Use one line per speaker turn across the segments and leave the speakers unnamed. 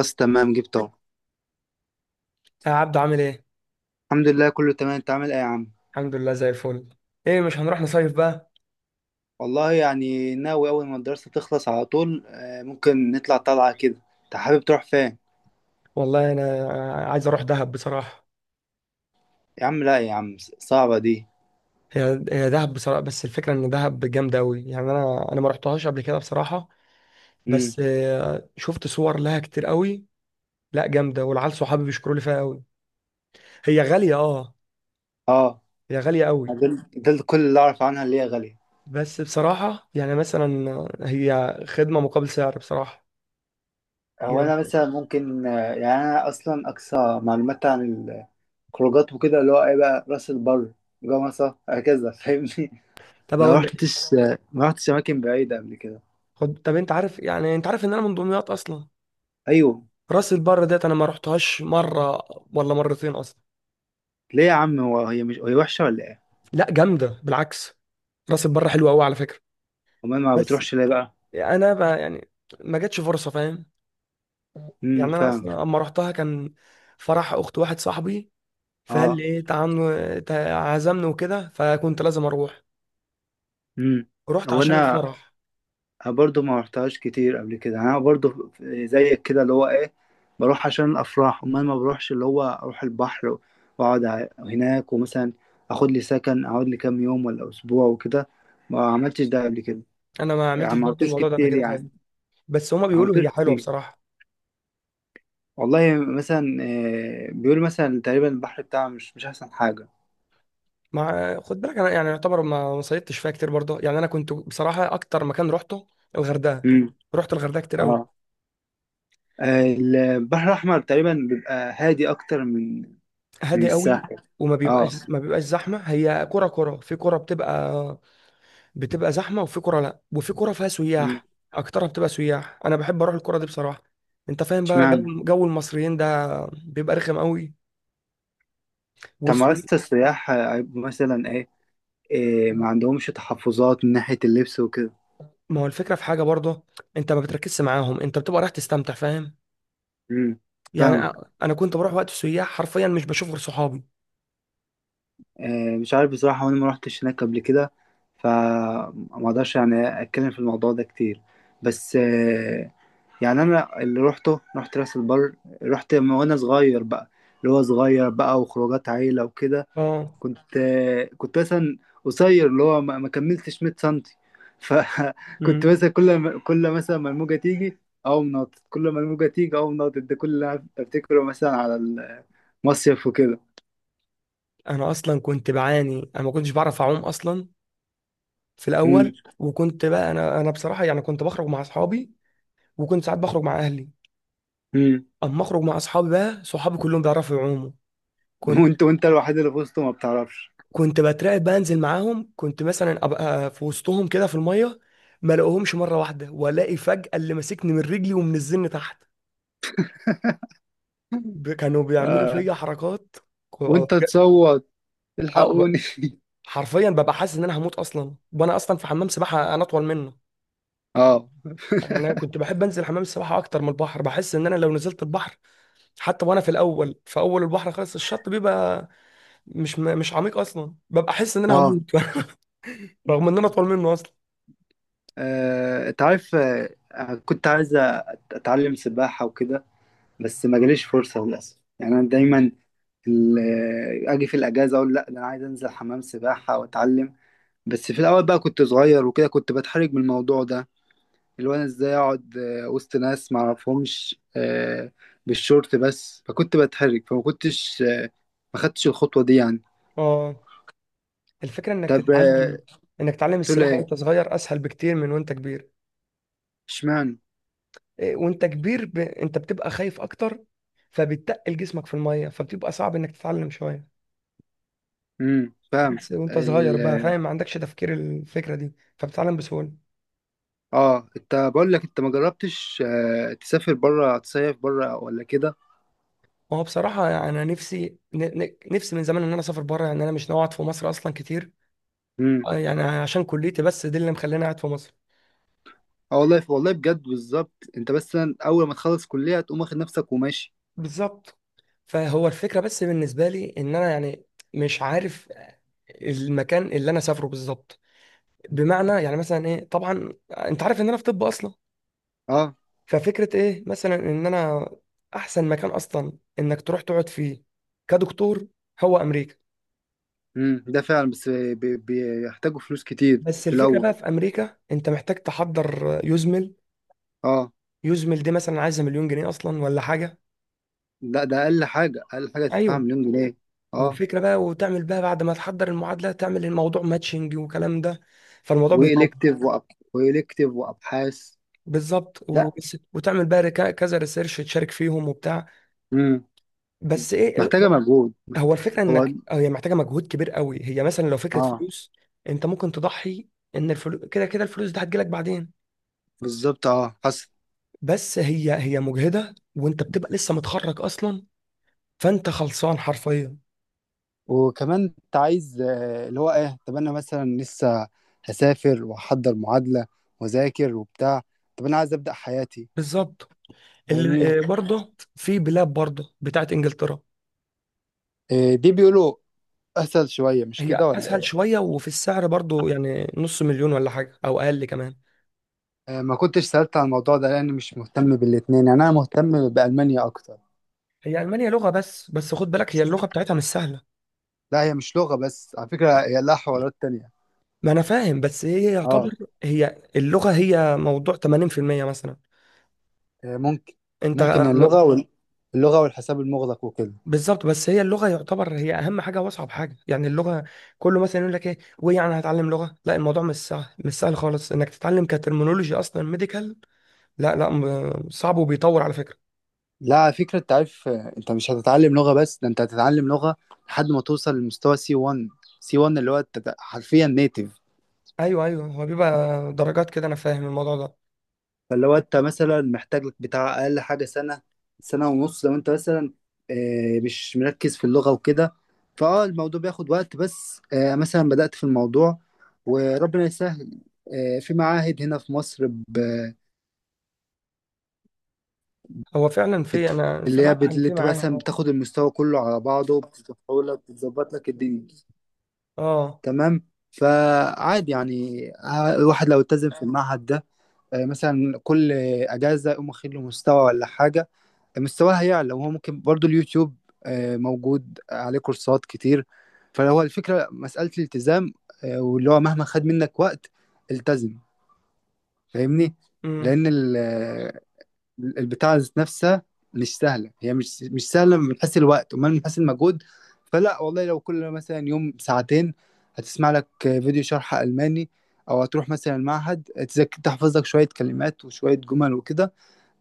بس تمام جبته.
يا عبدو، عامل ايه؟
الحمد لله كله تمام، انت عامل ايه يا عم؟
الحمد لله زي الفل. ايه، مش هنروح نصيف بقى؟
والله يعني ناوي اول ما الدراسة تخلص على طول، ممكن نطلع طلعة كده. انت حابب تروح فين؟
والله انا عايز اروح دهب بصراحة.
يا عم لا يا عم، صعبة دي.
هي دهب بصراحة، بس الفكرة ان دهب جامدة قوي، يعني انا ما رحتهاش قبل كده بصراحة.
امم.
بس شفت صور لها كتير قوي. لا جامدة، والعيال صحابي بيشكروا لي فيها قوي. هي غالية، اه.
اه.
هي غالية قوي.
دول كل اللي اعرف عنها اللي هي غالية.
بس بصراحة يعني مثلا، هي خدمة مقابل سعر بصراحة.
هو
يعني
انا مثلا ممكن يعني انا اصلا اقصى معلومات عن الخروجات وكده، اللي هو ايه بقى راس البر، جمصة، هكذا فاهمني.
طب
ما
اقول لك،
رحتش، ما رحتش اماكن بعيدة قبل كده.
خد، طب انت عارف، يعني انت عارف ان انا من دمياط اصلا.
ايوه.
راس البر ديت انا ما رحتهاش مره ولا مرتين اصلا.
ليه يا عم، هو هي مش هي وحشة ولا ايه؟
لا، جامده بالعكس. راس البر حلوه قوي على فكره.
امال ما
بس
بتروحش ليه بقى؟
انا بقى يعني ما جاتش فرصه، فاهم.
امم،
يعني انا
فاهم.
اصلا اما رحتها كان فرح اخت واحد صاحبي، فقال
اه.
لي ايه تعال. عزمني وكده، فكنت لازم اروح.
امم.
رحت
هو
عشان
انا
الفرح.
برضو ما رحتهاش كتير قبل كده، يعني انا برضو زيك كده اللي هو ايه، بروح عشان الافراح. امال ما بروحش اللي هو اروح البحر واقعد هناك، ومثلا اخد لي سكن اقعد لي كام يوم ولا اسبوع وكده. ما عملتش ده قبل كده.
انا ما
يعني
عملتش
ما
برضه
عملتوش
الموضوع ده قبل
كتير
كده
يعني.
خالص. بس هما
ما
بيقولوا
عملتوش
هي حلوه
كتير.
بصراحه.
والله مثلا، بيقولوا مثلا تقريبا البحر بتاعه مش احسن حاجة.
مع خد بالك، انا يعني يعتبر ما صيدتش فيها كتير برضه. يعني انا كنت بصراحه اكتر مكان رحته الغردقه.
امم.
رحت الغردقه كتير
اه.
قوي.
البحر الاحمر تقريبا بيبقى هادي اكتر من
هادي قوي.
الساحل.
وما
اه.
بيبقاش ما بيبقاش زحمه. هي كره كره في كره بتبقى، بتبقى زحمه، وفي كره لا، وفي كره فيها
مم.
سياح. اكترها بتبقى سياح، انا بحب اروح الكره دي بصراحه. انت فاهم بقى
اشمعنى؟
جو المصريين ده، بيبقى رخم قوي
طب ممارسة
والسوي.
السياح مثلا ايه، إيه، ما عندهمش تحفظات من ناحية اللبس وكده؟
ما هو الفكره في حاجه برضه، انت ما بتركزش معاهم، انت بتبقى رايح تستمتع، فاهم.
امم.
يعني
فاهمك.
انا كنت بروح وقت السياح، حرفيا مش بشوف غير صحابي.
إيه مش عارف بصراحة، وانا ما روحتش هناك قبل كده، فما اقدرش يعني اتكلم في الموضوع ده كتير. بس إيه، يعني انا اللي روحته رحت راس البر، رحت من وانا صغير بقى، اللي هو صغير بقى وخروجات عيلة وكده.
اه.
كنت كنت مثلا قصير اللي هو ما كملتش 100 سنتي. فكنت
امم.
مثلا كل ما كل مثلا ما الموجه تيجي اقوم ناطط، كل ما الموجه تيجي اقوم ناطط، ده كل اللي أنا افتكره مثلا على المصيف وكده.
انا اصلا كنت بعاني، انا ما كنتش بعرف اعوم اصلا في
امم.
الاول. وكنت بقى انا بصراحه يعني كنت بخرج مع اصحابي، وكنت ساعات بخرج مع اهلي.
امم.
اما اخرج مع اصحابي بقى، صحابي كلهم بيعرفوا يعوموا. كنت
وانت الوحيد اللي في وسطه ما بتعرفش.
كنت بترعب بنزل معاهم. كنت مثلا ابقى في وسطهم كده في الميه، ما الاقيهمش مره واحده، والاقي فجاه اللي ماسكني من رجلي ومنزلني تحت. كانوا بيعملوا
آه.
فيا حركات. اه.
وانت تصوت
ب-
الحقوني.
حرفيا ببقى حاسس ان انا هموت اصلا، وانا اصلا في حمام سباحه، انا اطول منه.
اه.
يعني انا كنت بحب انزل حمام السباحه اكتر من البحر، بحس ان انا لو نزلت البحر، حتى وانا في الاول، في اول البحر خالص، الشط بيبقى مش عميق اصلا، ببقى احس ان انا
اه.
هموت رغم ان انا اطول منه اصلا.
انت عارف، كنت عايز اتعلم سباحة وكده، بس ما جاليش فرصة للأسف. يعني انا دايما اجي في الاجازه اقول لا ده انا عايز انزل حمام سباحه واتعلم، بس في الاول بقى كنت صغير وكده، كنت بتحرج من الموضوع ده، اللي هو انا ازاي اقعد وسط ناس ما اعرفهمش بالشورت بس، فكنت بتحرج فما كنتش ما خدتش الخطوه دي يعني.
اه. الفكره انك
طب
تتعلم، انك تتعلم
تقول
السباحه
ايه؟
وانت صغير اسهل بكتير من وانت كبير.
اشمعنى؟
إيه، وانت كبير انت بتبقى خايف اكتر، فبتقل جسمك في الميه، فبتبقى صعب انك تتعلم شويه.
فاهم.
عكس وانت صغير
ال.
بقى، فاهم، ما عندكش تفكير الفكره دي، فبتتعلم بسهوله.
اه، انت بقول لك انت ما جربتش تسافر بره تصيف بره ولا كده؟
هو بصراحه يعني انا نفسي، نفسي من زمان ان انا اسافر بره. يعني انا مش ناوي اقعد في مصر اصلا كتير.
إمم.
يعني عشان كليتي بس دي اللي مخليني قاعد في مصر.
اه والله، والله بجد بالظبط، انت بس اول ما تخلص كلية تقوم واخد نفسك وماشي.
بالظبط. فهو الفكرة بس بالنسبة لي إن أنا يعني مش عارف المكان اللي أنا سافره بالظبط. بمعنى يعني مثلا إيه، طبعا أنت عارف إن أنا في طب أصلا.
اه.
ففكرة إيه مثلا، إن أنا أحسن مكان أصلا إنك تروح تقعد فيه كدكتور هو أمريكا.
امم، ده فعلا، بس بيحتاجوا فلوس كتير
بس
في
الفكرة
الاول.
بقى في أمريكا، أنت محتاج تحضر يزمل.
اه.
يزمل دي مثلا عايزة مليون جنيه أصلا ولا حاجة.
لا ده اقل حاجة، اقل حاجة تدفعها
ايوه.
1,000,000 جنيه. اه.
وفكرة بقى، وتعمل بقى بعد ما تحضر المعادلة، تعمل الموضوع ماتشنج وكلام ده، فالموضوع بيطول.
والكتيف وأب... والكتيف وابحاث.
بالظبط.
لا.
وتعمل بقى كذا ريسيرش تشارك فيهم وبتاع.
امم.
بس ايه، إيه،
محتاجة مجهود.
هو الفكرة
هو.
انك هي محتاجة مجهود كبير قوي. هي مثلا لو فكرة
اه.
فلوس، انت ممكن تضحي، ان الفلوس كده كده الفلوس دي هتجيلك بعدين.
بالظبط اه، حصل.
بس هي مجهدة، وانت بتبقى لسه متخرج اصلا، فانت خلصان حرفيا.
وكمان انت عايز اللي هو ايه، طب انا مثلا لسه هسافر واحضر معادلة واذاكر وبتاع، طب انا عايز ابدأ حياتي.
بالظبط.
فاهمني.
اللي برضه في بلاد برضه بتاعت انجلترا،
إيه، دي بيقولوا اسهل شويه مش كده
هي
ولا
اسهل
ايه؟
شويه، وفي السعر برضو يعني نص مليون ولا حاجه او اقل كمان.
ما كنتش سألت عن الموضوع ده لأني مش مهتم بالاتنين، يعني أنا مهتم بألمانيا أكتر.
هي المانيا لغه، بس خد بالك، هي اللغه بتاعتها مش سهله.
لا هي مش لغة بس على فكرة، هي لها حوارات تانية.
ما انا فاهم، بس هي يعتبر،
اه.
هي اللغه هي موضوع 80% مثلا.
ممكن.
انت،
ممكن اللغة وال... اللغة والحساب المغلق وكده.
بالظبط، بس هي اللغه يعتبر هي اهم حاجه واصعب حاجه، يعني اللغه كله مثلا يقول لك ايه، ويعني هتعلم لغه، لا الموضوع مش سهل، مش سهل خالص انك تتعلم كترمينولوجي اصلا ميديكال. لا لا، صعب، وبيطور على فكره.
لا على فكرة، أنت عارف أنت مش هتتعلم لغة بس، ده أنت هتتعلم لغة لحد ما توصل لمستوى سي 1، سي 1 اللي هو أنت حرفيا نيتف.
ايوه، ايوه، هو بيبقى درجات كده، انا فاهم الموضوع ده.
فلو انت مثلا محتاج لك بتاع اقل حاجه سنه، سنه ونص لو انت مثلا مش مركز في اللغه وكده، فاه الموضوع بياخد وقت، بس مثلا بدأت في الموضوع وربنا يسهل. في معاهد هنا في مصر،
هو فعلا، في، انا
اللي هي
سمعت عن،
اللي
في
انت
معايا،
مثلا
اه.
بتاخد المستوى كله على بعضه بتدخله لك بتظبط لك الدنيا.
اه.
تمام، فعادي يعني، الواحد لو التزم في المعهد ده مثلا كل اجازه يقوم واخد له مستوى ولا حاجه، مستواها يعلى. وهو ممكن برضو اليوتيوب موجود عليه كورسات كتير. فهو الفكرة مسألة الالتزام، واللي هو مهما خد منك وقت التزم. فاهمني.
امم.
لأن البتاع ذات نفسها مش سهله، هي مش سهله من حيث الوقت وما من حيث المجهود. فلا والله، لو كل مثلا يوم ساعتين هتسمع لك فيديو شرح الماني، او هتروح مثلا المعهد تحفظ لك شويه كلمات وشويه جمل وكده،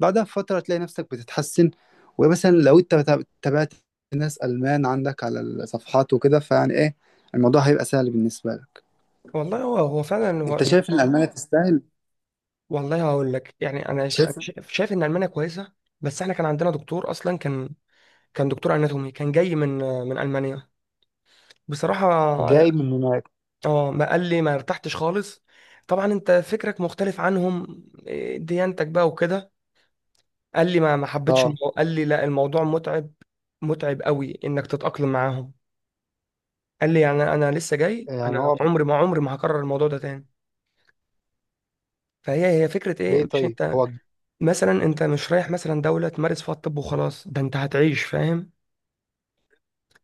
بعدها بفتره تلاقي نفسك بتتحسن. ومثلا لو انت تابعت ناس المان عندك على الصفحات وكده، فيعني ايه، الموضوع هيبقى سهل بالنسبه لك.
والله هو فعلا هو.
انت شايف ان المانيا تستاهل؟
والله هقول لك يعني انا،
شايف.
شايف ان المانيا كويسه. بس احنا كان عندنا دكتور اصلا، كان، كان دكتور اناتومي كان جاي من المانيا بصراحه، اه.
جاي من هناك.
ما قال لي ما ارتحتش خالص. طبعا انت فكرك مختلف عنهم، إيه، ديانتك بقى وكده. قال لي ما حبيتش
اه.
قال لي لا الموضوع متعب، متعب قوي انك تتاقلم معاهم. قال لي يعني انا لسه جاي،
يعني
انا
هو.
عمري ما هكرر الموضوع ده تاني. فهي هي فكرة ايه،
ليه
مش
طيب
انت
هو.
مثلا انت مش رايح مثلا دولة تمارس فيها الطب وخلاص، ده انت هتعيش، فاهم.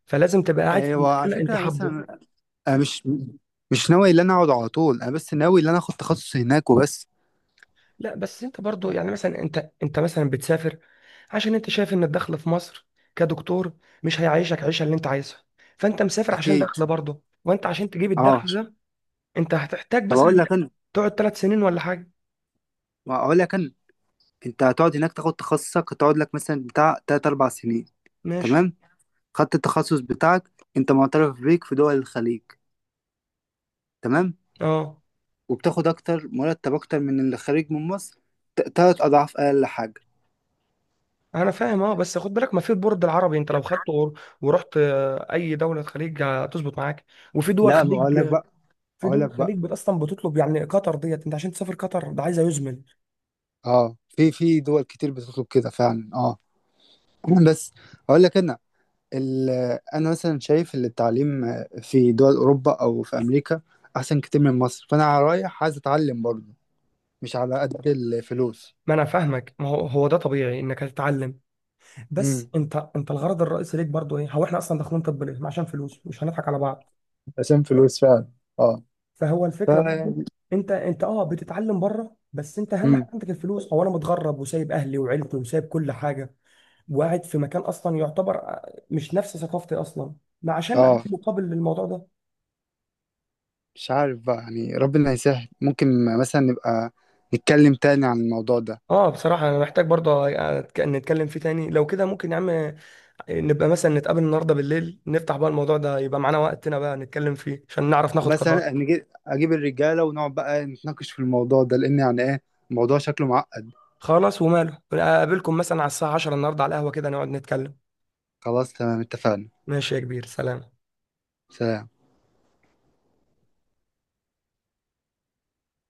فلازم تبقى قاعد في المكان
وعلى
اللي انت
فكرة
حابه.
مثلا، أنا مش ناوي إن أنا أقعد على طول، أنا بس ناوي إن أنا آخد تخصص هناك وبس.
لا، بس انت برضو يعني مثلا، انت مثلا بتسافر عشان انت شايف ان الدخل في مصر كدكتور مش هيعيشك عيشة اللي انت عايزها. فانت مسافر عشان
أكيد.
دخل برضه، وانت عشان تجيب
أه.
الدخل ده، انت هتحتاج
طب أقول
مثلا
لك أنا،
تقعد 3 سنين ولا حاجة.
ما أقول لك أنا، أنت هتقعد هناك تاخد تخصصك، هتقعد لك مثلا بتاع تلات أربع سنين.
ماشي.
تمام. خدت التخصص بتاعك، أنت معترف بيك في دول الخليج. تمام.
اه
وبتاخد أكتر مرتب، أكتر من اللي خارج من مصر، تلات أضعاف أقل حاجة.
انا فاهم، اه. بس خد بالك، ما في البورد العربي، انت لو خدته ورحت اي دوله خليج هتظبط معاك. وفي دول
لا ما أقول لك
خليج،
بقى.
في
أقول
دول
لك بقى،
خليج اصلا بتطلب، يعني قطر ديت انت عشان تسافر قطر ده عايزه يزمل.
أه في دول كتير بتطلب كده فعلا أه. بس أقول لك أنا، ال- انا مثلا شايف ان التعليم في دول اوروبا او في امريكا احسن كتير من مصر، فانا رايح عايز اتعلم برضه، مش على قد الفلوس.
ما انا فاهمك، ما هو ده طبيعي انك هتتعلم. بس
امم.
انت الغرض الرئيسي ليك برضو ايه، هو احنا اصلا داخلين طب ليه؟ عشان فلوس، مش هنضحك على بعض.
عشان فلوس فعلا. اه.
فهو
ف.
الفكره برضو، انت اه بتتعلم بره، بس انت اهم
امم.
حاجه عندك الفلوس. هو انا متغرب وسايب اهلي وعيلتي وسايب كل حاجه، وقاعد في مكان اصلا يعتبر مش نفس ثقافتي اصلا، ما عشان اقدم
اه
مقابل للموضوع ده.
مش عارف بقى، يعني ربنا يسهل، ممكن مثلا نبقى نتكلم تاني عن الموضوع ده.
اه بصراحة أنا محتاج برضه نتكلم فيه تاني. لو كده ممكن يا عم، نبقى مثلا نتقابل النهاردة بالليل، نفتح بقى الموضوع ده، يبقى معانا وقتنا بقى نتكلم فيه عشان نعرف ناخد قرار.
ومثلا اجيب الرجاله ونقعد بقى نتناقش في الموضوع ده، لان يعني ايه، الموضوع شكله معقد.
خلاص وماله، أقابلكم مثلا على الساعة 10 النهاردة على القهوة، كده نقعد نتكلم.
خلاص تمام، اتفقنا.
ماشي يا كبير، سلام.
سلام.